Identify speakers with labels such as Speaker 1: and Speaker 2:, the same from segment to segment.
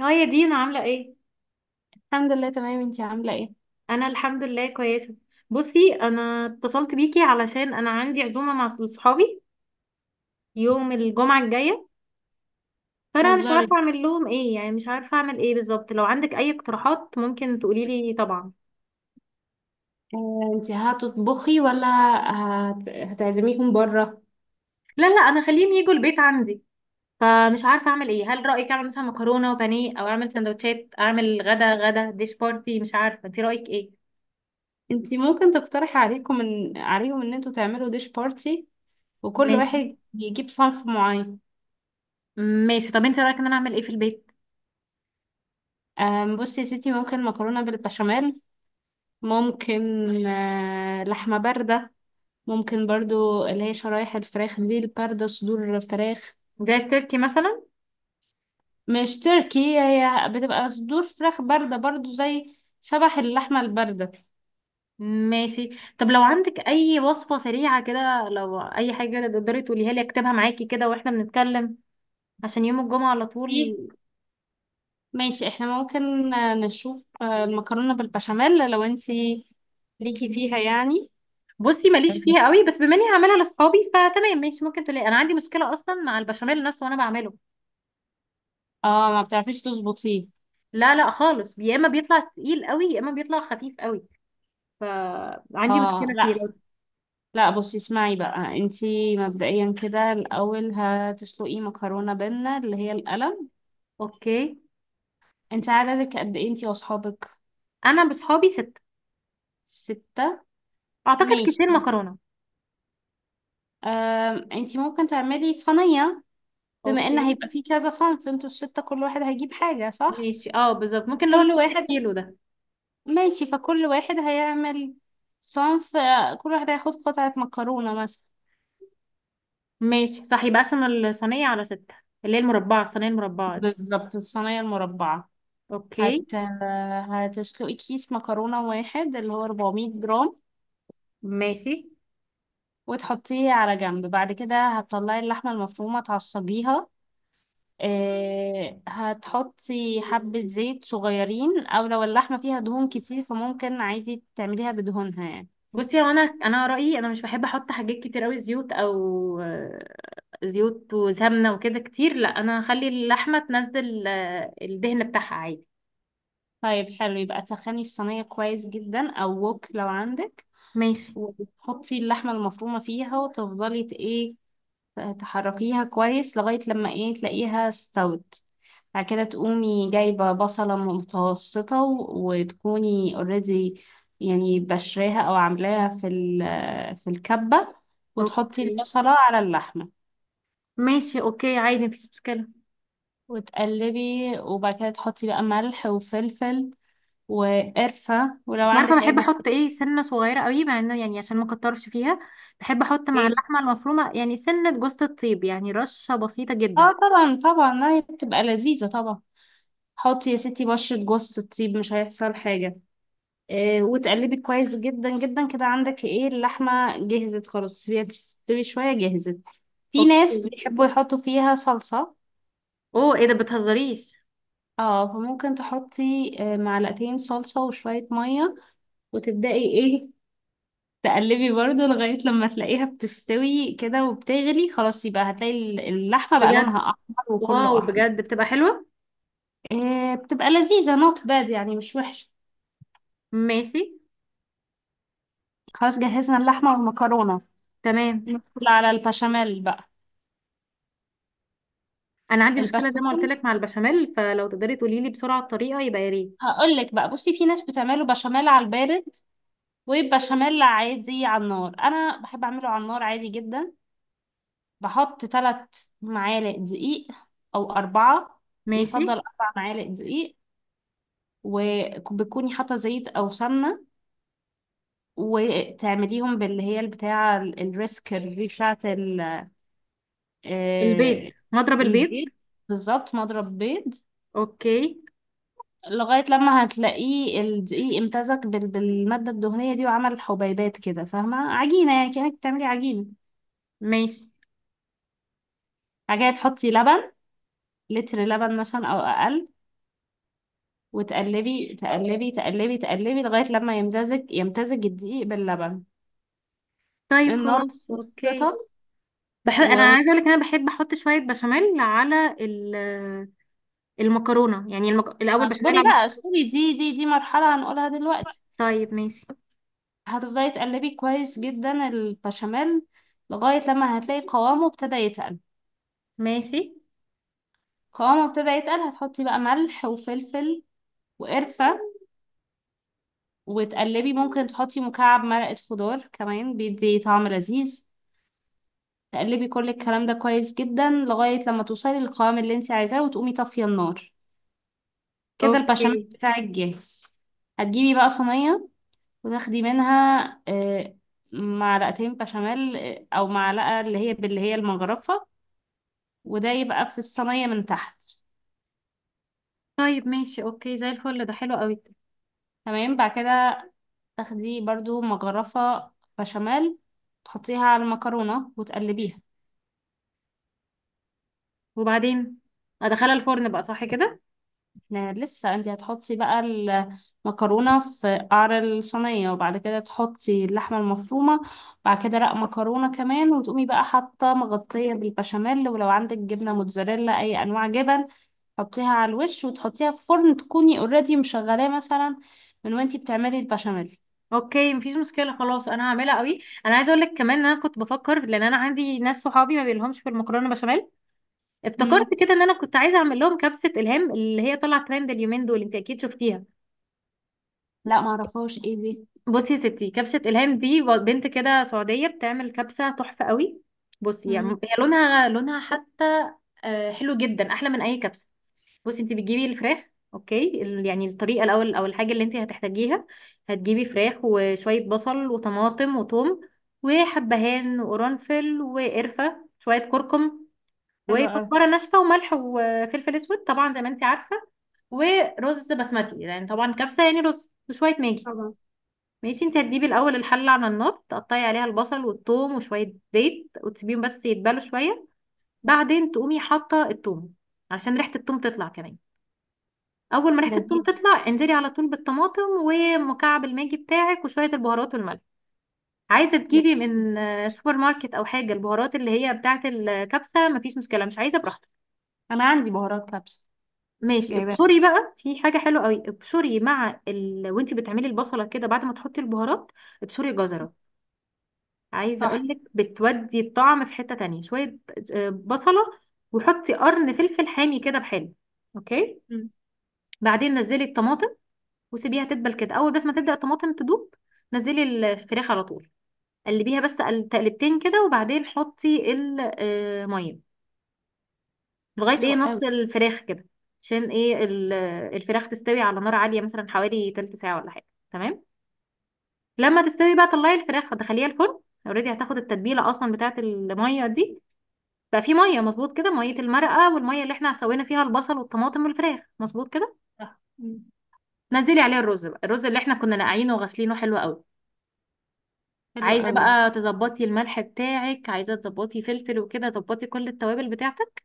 Speaker 1: اه يا دينا، عاملة ايه؟
Speaker 2: الحمد لله تمام، انتي عاملة ايه؟
Speaker 1: انا الحمد لله كويسة. بصي، انا اتصلت بيكي علشان انا عندي عزومة مع صحابي يوم الجمعة الجاية، فانا مش عارفة
Speaker 2: هزاري.
Speaker 1: اعمل لهم ايه، يعني مش عارفة اعمل ايه بالظبط. لو عندك اي اقتراحات ممكن تقولي لي طبعا.
Speaker 2: اه انتي هتطبخي ولا هتعزميهم بره؟
Speaker 1: لا لا، انا خليهم يجوا البيت عندي، فمش عارفة اعمل ايه. هل رأيك اعمل مثلا مكرونة وبانيه، او اعمل سندوتشات، اعمل غدا ديش بارتي؟ مش عارفة، انت رأيك ايه؟
Speaker 2: انتي ممكن تقترحي عليهم ان انتوا تعملوا ديش بارتي، وكل
Speaker 1: ماشي.
Speaker 2: واحد يجيب صنف معين.
Speaker 1: ماشي، طب انت رأيك ان انا اعمل ايه في البيت؟
Speaker 2: اه بصي يا ستي، ممكن مكرونة بالبشاميل، ممكن اه لحمة باردة، ممكن برضو اللي هي شرايح الفراخ دي الباردة، صدور فراخ.
Speaker 1: جاي تركي مثلا؟
Speaker 2: مش تركي، هي بتبقى صدور فراخ باردة برضو زي شبح اللحمة الباردة.
Speaker 1: ماشي. طب لو عندك اي وصفة سريعة كده، لو اي حاجة تقدري تقوليها لي اكتبها معاكي كده واحنا بنتكلم، عشان يوم الجمعة على طول.
Speaker 2: ماشي، احنا ممكن نشوف المكرونة بالبشاميل لو انتي ليكي فيها يعني.
Speaker 1: بصي، ماليش فيها قوي، بس بما اني هعملها لاصحابي فتمام، ماشي ممكن تقولي. انا عندي مشكلة اصلا مع البشاميل نفسه وانا بعمله.
Speaker 2: اه ما بتعرفيش تظبطيه.
Speaker 1: لا لا خالص، يا اما بيطلع تقيل قوي، يا اما بيطلع خفيف قوي، فعندي
Speaker 2: اه
Speaker 1: مشكلة
Speaker 2: لا،
Speaker 1: فيه. لو
Speaker 2: لا بصي اسمعي بقى، انتي مبدئيا كده الاول هتسلقي مكرونة بينا اللي هي القلم.
Speaker 1: اوكي.
Speaker 2: انت عددك قد ايه انتي واصحابك؟
Speaker 1: انا بصحابي ستة.
Speaker 2: ستة.
Speaker 1: اعتقد كيسين
Speaker 2: ماشي.
Speaker 1: مكرونة.
Speaker 2: انتي ممكن تعملي صينية، بما ان
Speaker 1: اوكي.
Speaker 2: هيبقى فيه كذا صنف انتوا الستة كل واحد هيجيب حاجة، صح؟
Speaker 1: ماشي، اه بالظبط، ممكن اللي هو
Speaker 2: كل
Speaker 1: الكيس
Speaker 2: واحد.
Speaker 1: الكيلو ده.
Speaker 2: ماشي، فكل واحد هيعمل صنف. كل واحد هياخد قطعة مكرونة مثلا.
Speaker 1: ماشي صح، يبقى اقسم الصينية على ستة، اللي هي المربعة، الصينية المربعة دي.
Speaker 2: بالظبط، الصينية المربعة.
Speaker 1: اوكي.
Speaker 2: هت... هتسلقي كيس مكرونة واحد اللي هو 400 جرام،
Speaker 1: ماشي.
Speaker 2: وتحطيه على جنب. بعد كده هتطلعي اللحمة المفرومة تعصجيها. هتحطي حبة زيت صغيرين، أو لو اللحمة فيها دهون كتير فممكن عادي تعمليها بدهونها يعني.
Speaker 1: بصي، هو انا رأيي انا مش بحب احط حاجات كتير قوي زيوت او زيوت وسمنة وكده كتير. لا انا هخلي اللحمة تنزل الدهن بتاعها عادي.
Speaker 2: طيب، حلو. يبقى تسخني الصينية كويس جدا أو وok لو عندك،
Speaker 1: ماشي.
Speaker 2: وتحطي اللحمة المفرومة فيها وتفضلي ت- ايه تحركيها كويس لغاية لما تلاقيها استوت. بعد كده تقومي جايبة بصلة متوسطة وتكوني اوريدي يعني بشراها او عاملاها في في الكبة، وتحطي
Speaker 1: اوكي،
Speaker 2: البصلة على اللحمة
Speaker 1: ماشي اوكي، عادي مفيش مشكلة.
Speaker 2: وتقلبي. وبعد كده تحطي بقى ملح وفلفل وقرفة ولو
Speaker 1: انت عارفة
Speaker 2: عندك اي
Speaker 1: بحب احط
Speaker 2: بهارات.
Speaker 1: ايه؟ سنة صغيرة قوي، مع انه يعني عشان ما اكترش فيها، بحب احط مع
Speaker 2: ايه،
Speaker 1: اللحمة المفرومة يعني سنة جوزة الطيب، يعني رشة بسيطة جدا.
Speaker 2: اه طبعا طبعا، ما هي بتبقى لذيذة طبعا. حطي يا ستي بشرة جوز الطيب، مش هيحصل حاجة. إيه وتقلبي كويس جدا جدا كده، عندك ايه اللحمة جهزت خلاص. سيبيها تستوي شوية جهزت. في ناس
Speaker 1: اوكي.
Speaker 2: بيحبوا يحطوا فيها صلصة،
Speaker 1: اوه، ايه ده، بتهزريش؟
Speaker 2: اه فممكن تحطي معلقتين صلصة وشوية مية، وتبدأي تقلبي برضو لغاية لما تلاقيها بتستوي كده وبتغلي خلاص. يبقى هتلاقي اللحمة بقى لونها
Speaker 1: بجد؟
Speaker 2: أحمر، وكله
Speaker 1: واو،
Speaker 2: أحمر.
Speaker 1: بجد بتبقى حلوة.
Speaker 2: إيه بتبقى لذيذة نوت باد يعني، مش وحشة.
Speaker 1: ماشي.
Speaker 2: خلاص جهزنا اللحمة والمكرونة.
Speaker 1: تمام.
Speaker 2: ندخل على البشاميل بقى.
Speaker 1: انا عندي مشكلة زي ما قلت
Speaker 2: البشاميل
Speaker 1: لك مع البشاميل، فلو تقدري تقولي لي بسرعة الطريقة يبقى يا ريت.
Speaker 2: هقول لك بقى، بصي في ناس بتعمله بشاميل على البارد، وبشاميل عادي على النار. انا بحب اعمله على النار عادي جدا. بحط ثلاث معالق دقيق او اربعة.
Speaker 1: ماشي.
Speaker 2: يفضل اربع معالق دقيق، وبتكوني حاطه زيت او سمنه، وتعمليهم باللي هي البتاعه الريسكر دي بتاعه
Speaker 1: البيض،
Speaker 2: آه،
Speaker 1: نضرب البيض.
Speaker 2: البيض. بالظبط، مضرب بيض.
Speaker 1: اوكي.
Speaker 2: لغاية لما هتلاقيه الدقيق امتزج بالمادة الدهنية دي، وعمل حبيبات كده، فاهمة عجينة يعني كأنك بتعملي عجينة
Speaker 1: ماشي.
Speaker 2: حاجة. تحطي لبن، لتر لبن مثلا أو أقل، وتقلبي تقلبي تقلبي تقلبي لغاية لما يمتزج يمتزج الدقيق باللبن.
Speaker 1: طيب
Speaker 2: النار
Speaker 1: خلاص،
Speaker 2: متوسطة.
Speaker 1: اوكي. انا
Speaker 2: و
Speaker 1: عايزه اقول لك، انا بحب احط شويه بشاميل على المكرونه، يعني الاول بشاميل على
Speaker 2: اصبري بقى
Speaker 1: المكرونه.
Speaker 2: اصبري، دي مرحلة هنقولها دلوقتي.
Speaker 1: طيب ماشي.
Speaker 2: هتفضلي تقلبي كويس جدا البشاميل لغاية لما هتلاقي قوامه ابتدى يتقل.
Speaker 1: ماشي
Speaker 2: قوامه ابتدى يتقل، هتحطي بقى ملح وفلفل وقرفة وتقلبي. ممكن تحطي مكعب مرقة خضار كمان، بيدي طعم لذيذ. تقلبي كل الكلام ده كويس جدا لغاية لما توصلي للقوام اللي انت عايزاه، وتقومي طافية النار. كده البشاميل
Speaker 1: اوكي.
Speaker 2: بتاعك جاهز. هتجيبي بقى صينية وتاخدي منها آه، معلقتين بشاميل، أو معلقة اللي هي باللي هي المجرفة، وده يبقى في الصينية من تحت.
Speaker 1: طيب ماشي، اوكي زي الفل، ده حلو قوي.
Speaker 2: تمام، بعد كده تاخدي برضو مجرفة بشاميل تحطيها على المكرونة وتقلبيها.
Speaker 1: وبعدين ادخلها الفرن بقى، صح كده؟
Speaker 2: لا، لسه انت هتحطي بقى المكرونة في قعر الصينية، وبعد كده تحطي اللحمة المفرومة. بعد كده رق مكرونة كمان، وتقومي بقى حاطة مغطية بالبشاميل، ولو عندك جبنة موتزاريلا أي أنواع جبن حطيها على الوش، وتحطيها في فرن تكوني اوريدي مشغلاه مثلا من وانتي بتعملي البشاميل.
Speaker 1: اوكي، مفيش مشكله، خلاص انا هعملها قوي. انا عايزه اقول لك كمان ان انا كنت بفكر، لان انا عندي ناس صحابي ما بيلهمش في المكرونه بشاميل. افتكرت
Speaker 2: مم.
Speaker 1: كده ان انا كنت عايزه اعمل لهم كبسه الهام، اللي هي طالعه ترند اليومين دول، انت اكيد شفتيها.
Speaker 2: لا معرفهاش ايه دي.
Speaker 1: بصي يا ستي، كبسة إلهام دي بنت كده سعودية بتعمل كبسة تحفة قوي. بصي يعني
Speaker 2: مم.
Speaker 1: هي لونها، لونها حتى حلو جدا، أحلى من أي كبسة. بصي، انت بتجيبي الفراخ، اوكي يعني الطريقه الاول او الحاجه اللي انت هتحتاجيها. هتجيبي فراخ، وشويه بصل وطماطم وثوم وحبهان وقرنفل وقرفه، شويه كركم
Speaker 2: حلوة أوي.
Speaker 1: وكزبره ناشفه، وملح وفلفل اسود طبعا زي ما انت عارفه. ورز بسمتي يعني، طبعا كبسه، يعني رز، وشويه ماجي.
Speaker 2: طبعا.
Speaker 1: ماشي. انت هتجيبي الاول الحله على النار، تقطعي عليها البصل والثوم وشويه زيت، وتسيبيهم بس يتبلوا شويه. بعدين تقومي حاطه الثوم، علشان ريحه الثوم تطلع كمان. اول ما ريحه الثوم
Speaker 2: لذيذ.
Speaker 1: تطلع، انزلي على طول بالطماطم ومكعب الماجي بتاعك وشويه البهارات والملح. عايزه تجيبي
Speaker 2: لذيذ.
Speaker 1: من سوبر ماركت او حاجه البهارات اللي هي بتاعه الكبسه، مفيش مشكله، مش عايزه براحتك.
Speaker 2: أنا عندي بهارات كبسة.
Speaker 1: ماشي.
Speaker 2: جايباها.
Speaker 1: ابشري بقى، في حاجه حلوه قوي. ابشري، مع وانت بتعملي البصله كده بعد ما تحطي البهارات، ابشري جزر. عايزه
Speaker 2: صح.
Speaker 1: اقولك بتودي الطعم في حته تانية شويه، بصله، وحطي قرن فلفل حامي كده بحاله. اوكي.
Speaker 2: مم.
Speaker 1: بعدين نزلي الطماطم وسيبيها تدبل كده، اول بس ما تبدا الطماطم تدوب نزلي الفراخ على طول. قلبيها بس تقلبتين كده، وبعدين حطي الميه لغايه ايه،
Speaker 2: حلوة
Speaker 1: نص
Speaker 2: أوي.
Speaker 1: الفراخ كده، عشان ايه الفراخ تستوي على نار عاليه، مثلا حوالي تلت ساعه ولا حاجه. تمام. لما تستوي بقى طلعي الفراخ ودخليها الفرن، اوريدي هتاخد التتبيله اصلا بتاعت الميه دي. بقى في ميه مظبوط كده، ميه المرقه والميه اللي احنا سوينا فيها البصل والطماطم والفراخ، مظبوط كده.
Speaker 2: صح. مم.
Speaker 1: نزلي عليها الرز بقى، الرز اللي احنا كنا نقعينه وغسلينه، حلو قوي.
Speaker 2: حلوة
Speaker 1: عايزه
Speaker 2: أوي.
Speaker 1: بقى تظبطي الملح بتاعك، عايزه تظبطي فلفل وكده، تظبطي كل التوابل بتاعتك.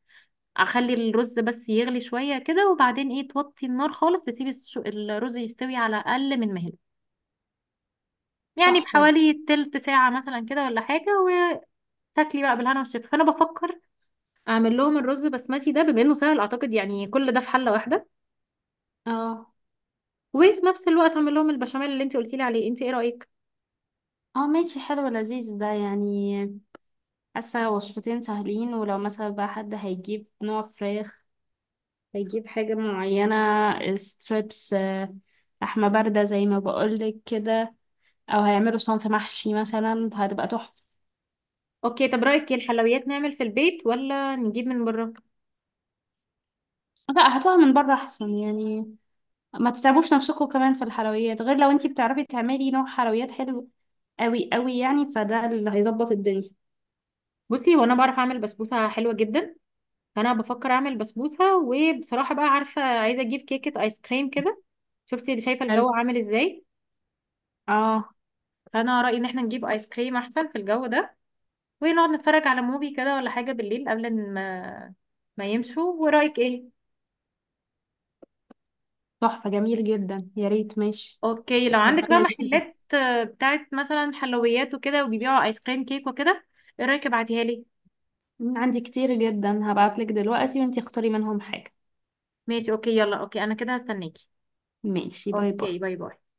Speaker 1: اخلي الرز بس يغلي شويه كده، وبعدين ايه توطي النار خالص، تسيبي الرز يستوي على اقل من مهله، يعني
Speaker 2: تحفة دي.
Speaker 1: بحوالي تلت ساعه مثلا كده ولا حاجه. وتاكلي بقى بالهنا والشفا. فانا بفكر اعمل لهم الرز بسمتي ده، بما انه سهل اعتقد، يعني كل ده في حله واحده،
Speaker 2: اه.
Speaker 1: وفي نفس الوقت اعمل لهم البشاميل اللي انت قلتي لي عليه. انت ايه رايك؟
Speaker 2: اه ماشي، حلو لذيذ ده يعني. حاسة وصفتين سهلين. ولو مثلا بقى حد هيجيب نوع فراخ هيجيب حاجة معينة، ستريبس، لحمة باردة زي ما بقولك كده، أو هيعملوا صنف محشي مثلا فهتبقى تحفة.
Speaker 1: اوكي. طب رايك إيه، الحلويات نعمل في البيت ولا نجيب من بره؟
Speaker 2: لا، هاتوها من بره أحسن يعني. ما تتعبوش نفسكم كمان في الحلويات، غير لو انتي بتعرفي تعملي نوع حلويات حلو قوي قوي يعني، فده اللي هيظبط الدنيا.
Speaker 1: بصي، هو انا بعرف اعمل بسبوسه حلوه جدا، فانا بفكر اعمل بسبوسه. وبصراحه بقى عارفه، عايزه اجيب كيكه ايس كريم كده. شفتي، شايفه
Speaker 2: حلو،
Speaker 1: الجو عامل ازاي؟
Speaker 2: اه
Speaker 1: فانا رايي ان احنا نجيب ايس كريم احسن في الجو ده، ونقعد نتفرج على موفي كده ولا حاجه بالليل قبل ما يمشوا. ورايك ايه؟
Speaker 2: تحفة، جميل جدا، يا ريت ماشي.
Speaker 1: اوكي. لو
Speaker 2: تبقى
Speaker 1: عندك بقى
Speaker 2: لذيذة.
Speaker 1: محلات بتاعت مثلا حلويات وكده وبيبيعوا ايس كريم كيك وكده، ايه رايك، ابعتيها لي.
Speaker 2: عندي كتير جدا، هبعتلك دلوقتي وانتي اختاري منهم حاجة.
Speaker 1: ماشي. اوكي، يلا اوكي، انا كده هستناكي.
Speaker 2: ماشي، باي باي.
Speaker 1: اوكي، باي باي.